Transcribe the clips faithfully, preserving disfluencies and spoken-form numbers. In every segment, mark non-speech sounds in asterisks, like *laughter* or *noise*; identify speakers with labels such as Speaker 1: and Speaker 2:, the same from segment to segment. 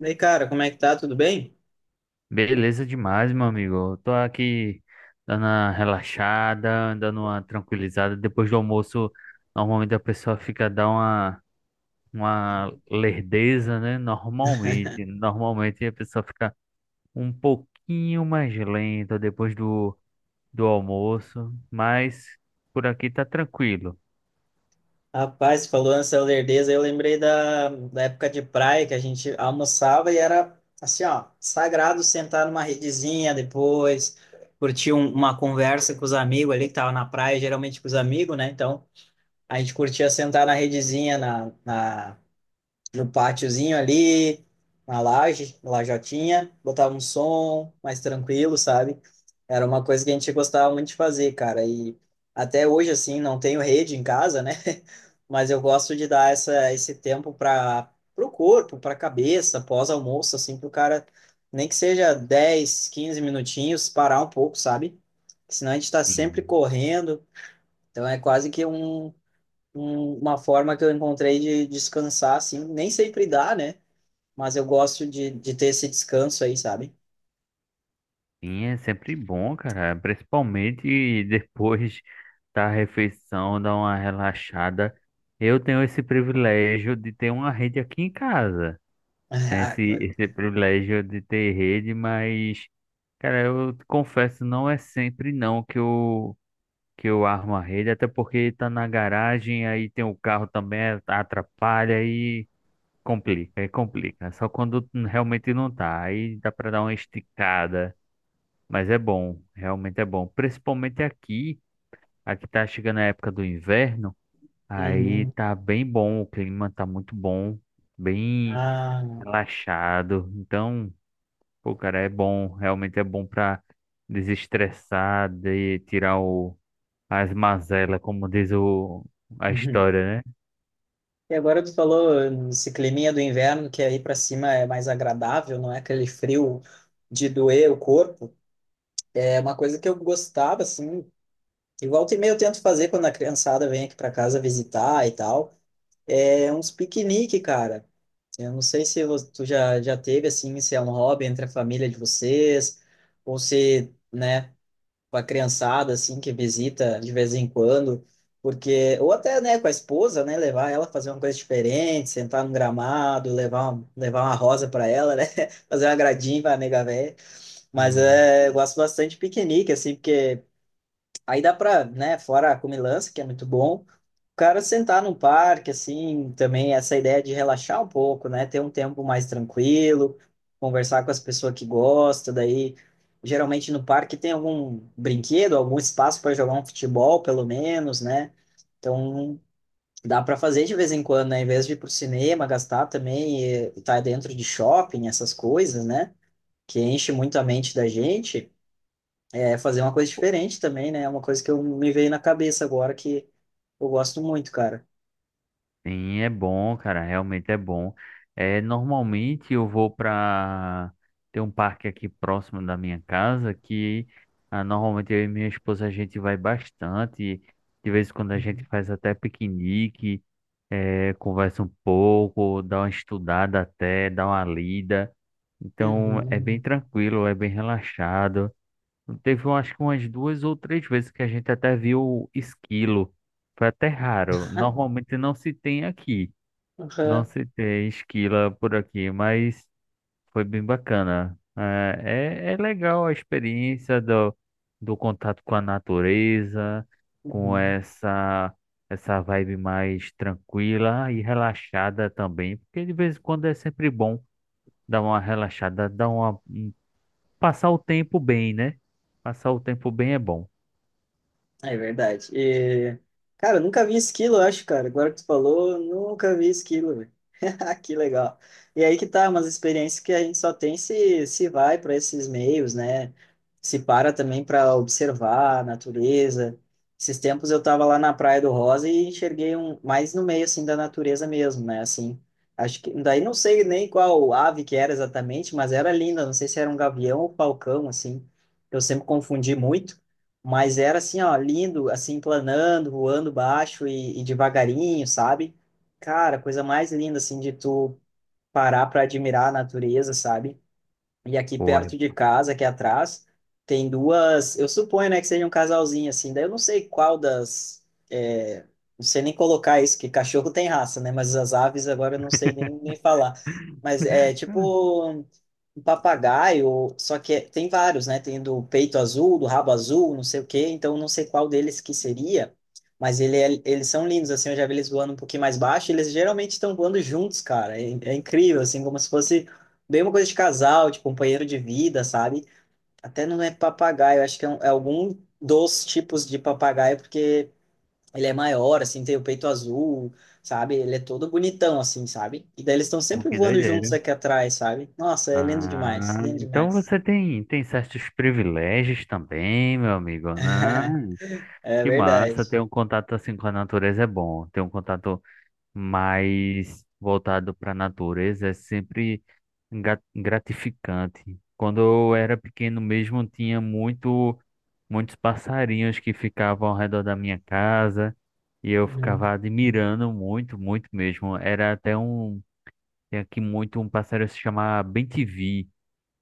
Speaker 1: E aí, cara, como é que tá? Tudo bem?
Speaker 2: Beleza demais, meu amigo. Eu tô aqui dando uma relaxada, dando uma tranquilizada. Depois do almoço, normalmente a pessoa fica dando uma, uma lerdeza, né? Normalmente.
Speaker 1: *laughs*
Speaker 2: Normalmente a pessoa fica um pouquinho mais lenta depois do, do almoço, mas por aqui tá tranquilo.
Speaker 1: Rapaz, você falou nessa lerdeza, eu lembrei da, da época de praia que a gente almoçava e era assim, ó, sagrado sentar numa redezinha depois, curtir um- uma conversa com os amigos ali que tava na praia, geralmente com os amigos, né? Então, a gente curtia sentar na redezinha, na, na no pátiozinho ali, na laje, lajotinha, botava um som mais tranquilo, sabe? Era uma coisa que a gente gostava muito de fazer, cara. E até hoje, assim, não tenho rede em casa, né? *laughs* Mas eu gosto de dar essa, esse tempo para o corpo, para a cabeça, pós-almoço, assim, para o cara, nem que seja dez quinze minutinhos, parar um pouco, sabe? Senão a gente está sempre
Speaker 2: Sim.
Speaker 1: correndo. Então é quase que um, um- uma forma que eu encontrei de descansar, assim, nem sempre dá, né? Mas eu gosto de, de ter esse descanso aí, sabe? *laughs*
Speaker 2: Sim, é sempre bom, cara. Principalmente depois *laughs* da refeição, dar uma relaxada. Eu tenho esse privilégio de ter uma rede aqui em casa. Tenho
Speaker 1: Ah,
Speaker 2: esse,
Speaker 1: co-
Speaker 2: esse privilégio de ter rede, mas, cara, eu confesso, não é sempre não que eu, que eu armo a rede, até porque tá na garagem, aí tem o carro também, atrapalha e complica, e complica. Só quando realmente não tá. Aí dá pra dar uma esticada. Mas é bom, realmente é bom. Principalmente aqui, aqui tá chegando a época do inverno, aí
Speaker 1: Uhum.
Speaker 2: tá bem bom, o clima tá muito bom, bem
Speaker 1: Ah,
Speaker 2: relaxado. Então, pô, cara, é bom, realmente é bom pra desestressar, de tirar o, as mazelas, como diz o, a
Speaker 1: uhum.
Speaker 2: história, né?
Speaker 1: E agora tu falou esse climinha do inverno, que aí para cima é mais agradável, não é aquele frio de doer o corpo. É uma coisa que eu gostava, assim, e volta e meia eu tento fazer quando a criançada vem aqui para casa visitar e tal. É uns piquenique, cara. Eu não sei se vo- tu já, já teve, assim, se é um hobby entre a família de vocês, ou se, né, com a criançada, assim, que visita de vez em quando, porque, ou até, né, com a esposa, né, levar ela a fazer uma coisa diferente, sentar num gramado, levar, um- levar uma rosa para ela, né, *laughs* fazer um agradinho pra nega véia, mas
Speaker 2: Hum.
Speaker 1: é, eu gosto bastante de piquenique, assim, porque aí dá pra, né, fora a comilança, que é muito bom, o cara sentar num parque, assim, também essa ideia de relaxar um pouco, né, ter um tempo mais tranquilo, conversar com as pessoas que gostam, daí geralmente no parque tem algum brinquedo, algum espaço para jogar um futebol, pelo menos, né? Então dá para fazer de vez em quando, né, em vez de ir pro cinema, gastar também e estar dentro de shopping, essas coisas, né, que enche muito a mente da gente é, fazer uma coisa diferente também, né? É uma coisa que eu me veio na cabeça agora que eu gosto muito, cara.
Speaker 2: Sim, é bom, cara, realmente é bom. É, normalmente eu vou para tem um parque aqui próximo da minha casa que ah, normalmente eu e minha esposa a gente vai bastante. De vez em quando a gente
Speaker 1: Uhum.
Speaker 2: faz até piquenique, é, conversa um pouco, dá uma estudada até, dá uma lida. Então é bem
Speaker 1: Uhum.
Speaker 2: tranquilo, é bem relaxado. Teve eu acho que umas duas ou três vezes que a gente até viu esquilo. Foi até raro. Normalmente não se tem aqui. Não
Speaker 1: Aham.
Speaker 2: citei esquila por aqui, mas foi bem bacana. Ah, é, é legal a experiência do, do contato com a natureza, com
Speaker 1: Uhum.
Speaker 2: essa, essa vibe mais tranquila e relaxada também, porque de vez em quando é sempre bom dar uma relaxada, dar uma, um- passar o tempo bem, né? Passar o tempo bem é bom.
Speaker 1: É verdade. E, cara, eu nunca vi esquilo, eu acho, cara. Agora que tu falou, eu nunca vi esquilo. *laughs* Que legal. E aí que tá, umas experiências que a gente só tem se, se vai para esses meios, né? Se para também para observar a natureza. Esses tempos eu tava lá na Praia do Rosa e enxerguei um mais no meio assim da natureza mesmo, né? Assim, acho que daí não sei nem qual ave que era exatamente, mas era linda, não sei se era um gavião ou falcão assim. Eu sempre confundi muito. Mas era assim, ó, lindo, assim, planando, voando baixo e, e devagarinho, sabe? Cara, coisa mais linda, assim, de tu parar pra admirar a natureza, sabe? E aqui
Speaker 2: Pô, é...
Speaker 1: perto de casa, aqui atrás, tem duas. Eu suponho, né, que seja um casalzinho assim. Daí eu não sei qual das. É, não sei nem colocar isso, que cachorro tem raça, né? Mas as aves agora eu não sei nem, nem falar. Mas é
Speaker 2: *laughs*
Speaker 1: tipo um papagaio, só que é- tem vários, né? Tem do peito azul, do rabo azul, não sei o quê. Então eu não sei qual deles que seria. Mas ele é- eles são lindos, assim. Eu já vi eles voando um pouquinho mais baixo. Eles geralmente estão voando juntos, cara. É, é incrível, assim, como se fosse. Bem uma coisa de casal, de companheiro de vida, sabe? Até não é papagaio, acho que é, um- é algum dos tipos de papagaio, porque ele é maior, assim, tem o peito azul, sabe? Ele é todo bonitão, assim, sabe? E daí eles estão
Speaker 2: Pô,
Speaker 1: sempre
Speaker 2: que
Speaker 1: voando
Speaker 2: doideira.
Speaker 1: juntos aqui atrás, sabe? Nossa, é lindo demais,
Speaker 2: Ah,
Speaker 1: lindo
Speaker 2: então
Speaker 1: demais.
Speaker 2: você tem, tem certos privilégios também, meu amigo, né?
Speaker 1: *laughs* É
Speaker 2: Que massa,
Speaker 1: verdade.
Speaker 2: ter um contato assim com a natureza é bom. Ter um contato mais voltado para a natureza é sempre gra- gratificante. Quando eu era pequeno mesmo, tinha muito, muitos passarinhos que ficavam ao redor da minha casa e eu
Speaker 1: Uhum.
Speaker 2: ficava admirando muito, muito mesmo. Era até um, tem aqui muito um passarinho que se chama bem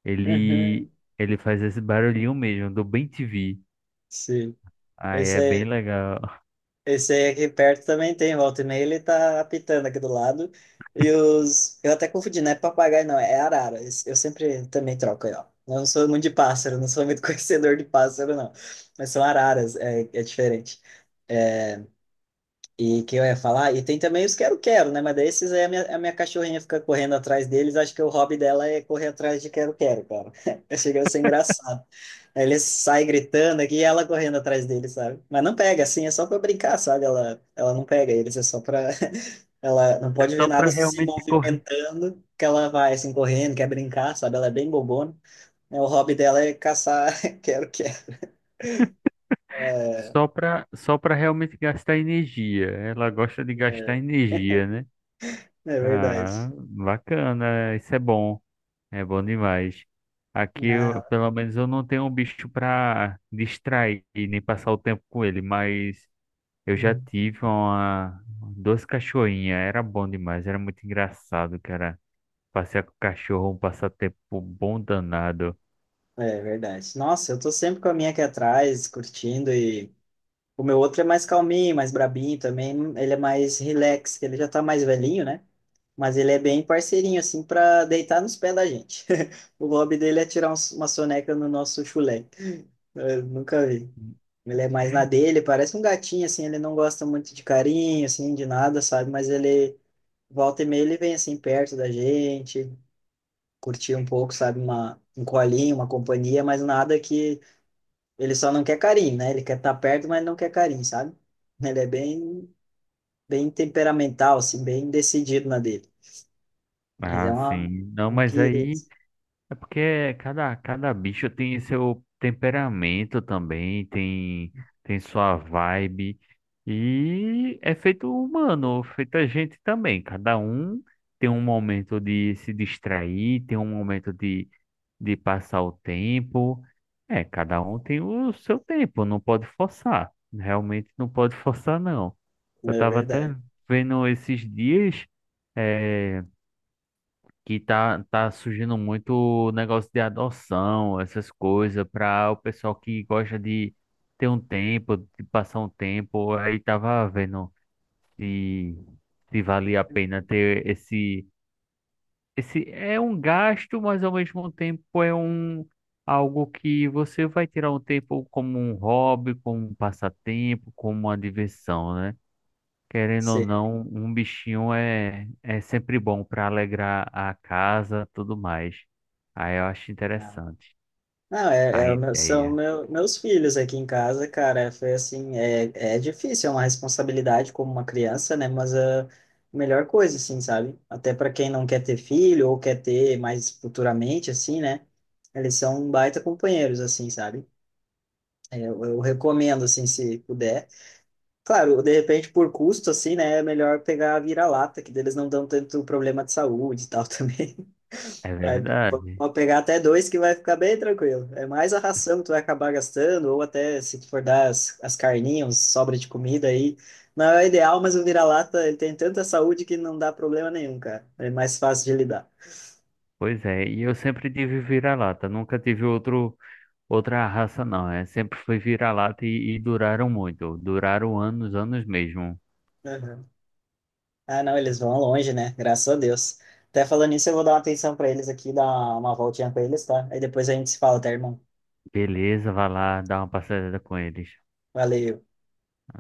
Speaker 2: ele,
Speaker 1: Uhum.
Speaker 2: ele faz esse barulhinho mesmo, do bem T V.
Speaker 1: Sim.
Speaker 2: Aí
Speaker 1: Esse
Speaker 2: é bem
Speaker 1: é.
Speaker 2: legal. *laughs*
Speaker 1: Esse aí aqui perto também tem, volta e meia ele tá apitando aqui do lado. E os. Eu até confundi, não é papagaio, não, é arara. Esse- Eu sempre também troco aí, ó. Eu não sou muito de pássaro, não sou muito *laughs* conhecedor de pássaro, não. Mas são araras, é, é diferente. E que eu ia falar, e tem também os quero-quero, né? Mas daí esses aí a minha, a minha cachorrinha fica correndo atrás deles. Acho que o hobby dela é correr atrás de quero-quero, cara. *laughs* Chega a ser engraçado. Aí ele sai gritando aqui e ela correndo atrás dele, sabe? Mas não pega, assim, é só pra brincar, sabe? Ela, ela não pega eles, é só pra. *laughs* Ela não
Speaker 2: É
Speaker 1: pode ver
Speaker 2: só pra
Speaker 1: nada se
Speaker 2: realmente correr.
Speaker 1: movimentando, que ela vai, assim, correndo, quer brincar, sabe? Ela é bem bobona. É, o hobby dela é caçar, *laughs* quero que é,
Speaker 2: Só pra, só pra realmente gastar energia. Ela gosta de gastar
Speaker 1: é,
Speaker 2: energia, né?
Speaker 1: é verdade.
Speaker 2: Ah, bacana. Isso é bom. É bom demais. Aqui, eu-
Speaker 1: Ah,
Speaker 2: pelo menos, eu não tenho um bicho pra distrair nem passar o tempo com ele, mas eu já
Speaker 1: uhum.
Speaker 2: tive uma, duas cachorrinhas. Era bom demais, era muito engraçado, cara. Passear com o cachorro é um passatempo bom danado.
Speaker 1: É verdade. Nossa, eu tô sempre com a minha aqui atrás, curtindo e. O meu outro é mais calminho, mais brabinho também. Ele é mais relax, que ele já tá mais velhinho, né? Mas ele é bem parceirinho, assim, para deitar nos pés da gente. *laughs* O hobby dele é tirar uns- uma soneca no nosso chulé. Eu nunca vi. Ele é mais na dele, parece um gatinho, assim, ele não gosta muito de carinho, assim, de nada, sabe? Mas ele, volta e meia, ele vem, assim, perto da gente, curtir um pouco, sabe? Uma, um colinho, uma companhia, mas nada que... Ele só não quer carinho, né? Ele quer estar perto, mas não quer carinho, sabe? Ele é bem, bem temperamental, assim, bem decidido na dele. Mas é
Speaker 2: Ah,
Speaker 1: uma,
Speaker 2: sim. Não,
Speaker 1: um
Speaker 2: mas
Speaker 1: querido.
Speaker 2: aí é porque cada, cada bicho tem seu temperamento também, tem, tem sua vibe. E é feito humano, feito a gente também. Cada um tem um momento de se distrair, tem um momento de de passar o tempo. É, cada um tem o seu tempo, não pode forçar. Realmente não pode *laughs* forçar, não. Eu
Speaker 1: É
Speaker 2: estava até
Speaker 1: verdade.
Speaker 2: vendo esses dias é, que tá, tá surgindo muito o negócio de adoção, essas coisas, para o pessoal que gosta de ter um tempo, de passar um tempo. Aí tava vendo se, se valia a pena ter esse esse é um gasto, mas ao mesmo tempo é um algo que você vai tirar um tempo como um hobby, como um passatempo, como uma diversão, né? Querendo ou
Speaker 1: Sim.
Speaker 2: não, um bichinho é, é sempre bom para alegrar a casa, tudo mais. Aí eu acho
Speaker 1: Ah.
Speaker 2: interessante
Speaker 1: Não, é,
Speaker 2: a
Speaker 1: é o meu- são
Speaker 2: ideia.
Speaker 1: meu, meus filhos aqui em casa, cara. Foi assim, é, é difícil, é uma responsabilidade como uma criança, né? Mas a melhor coisa, assim, sabe? Até para quem não quer ter filho ou quer ter mais futuramente, assim, né? Eles são um baita companheiros, assim, sabe? É, Eu, eu recomendo, assim, se puder. Claro, de repente, por custo, assim, né? É melhor pegar a vira-lata, que deles não dão tanto problema de saúde e tal *laughs* também.
Speaker 2: É
Speaker 1: Aí p-
Speaker 2: verdade.
Speaker 1: Pode pegar até dois que vai ficar bem tranquilo. É mais a ração que tu vai acabar gastando, ou até se tu for dar as, as carninhas, sobra de comida aí. Não é o ideal, mas o vira-lata ele tem tanta saúde que não dá problema nenhum, cara. É mais fácil de lidar.
Speaker 2: Pois é, e eu sempre tive vira-lata, nunca tive outro outra raça não, é, sempre foi vira-lata e, e duraram muito, duraram anos, anos mesmo.
Speaker 1: Uhum. Ah, não, eles vão longe, né? Graças a Deus. Até falando nisso, eu vou dar uma atenção para eles aqui, dar uma voltinha com eles, tá? Aí depois a gente se fala, tá, irmão?
Speaker 2: Beleza, vai lá dar uma passeada com eles.
Speaker 1: Valeu.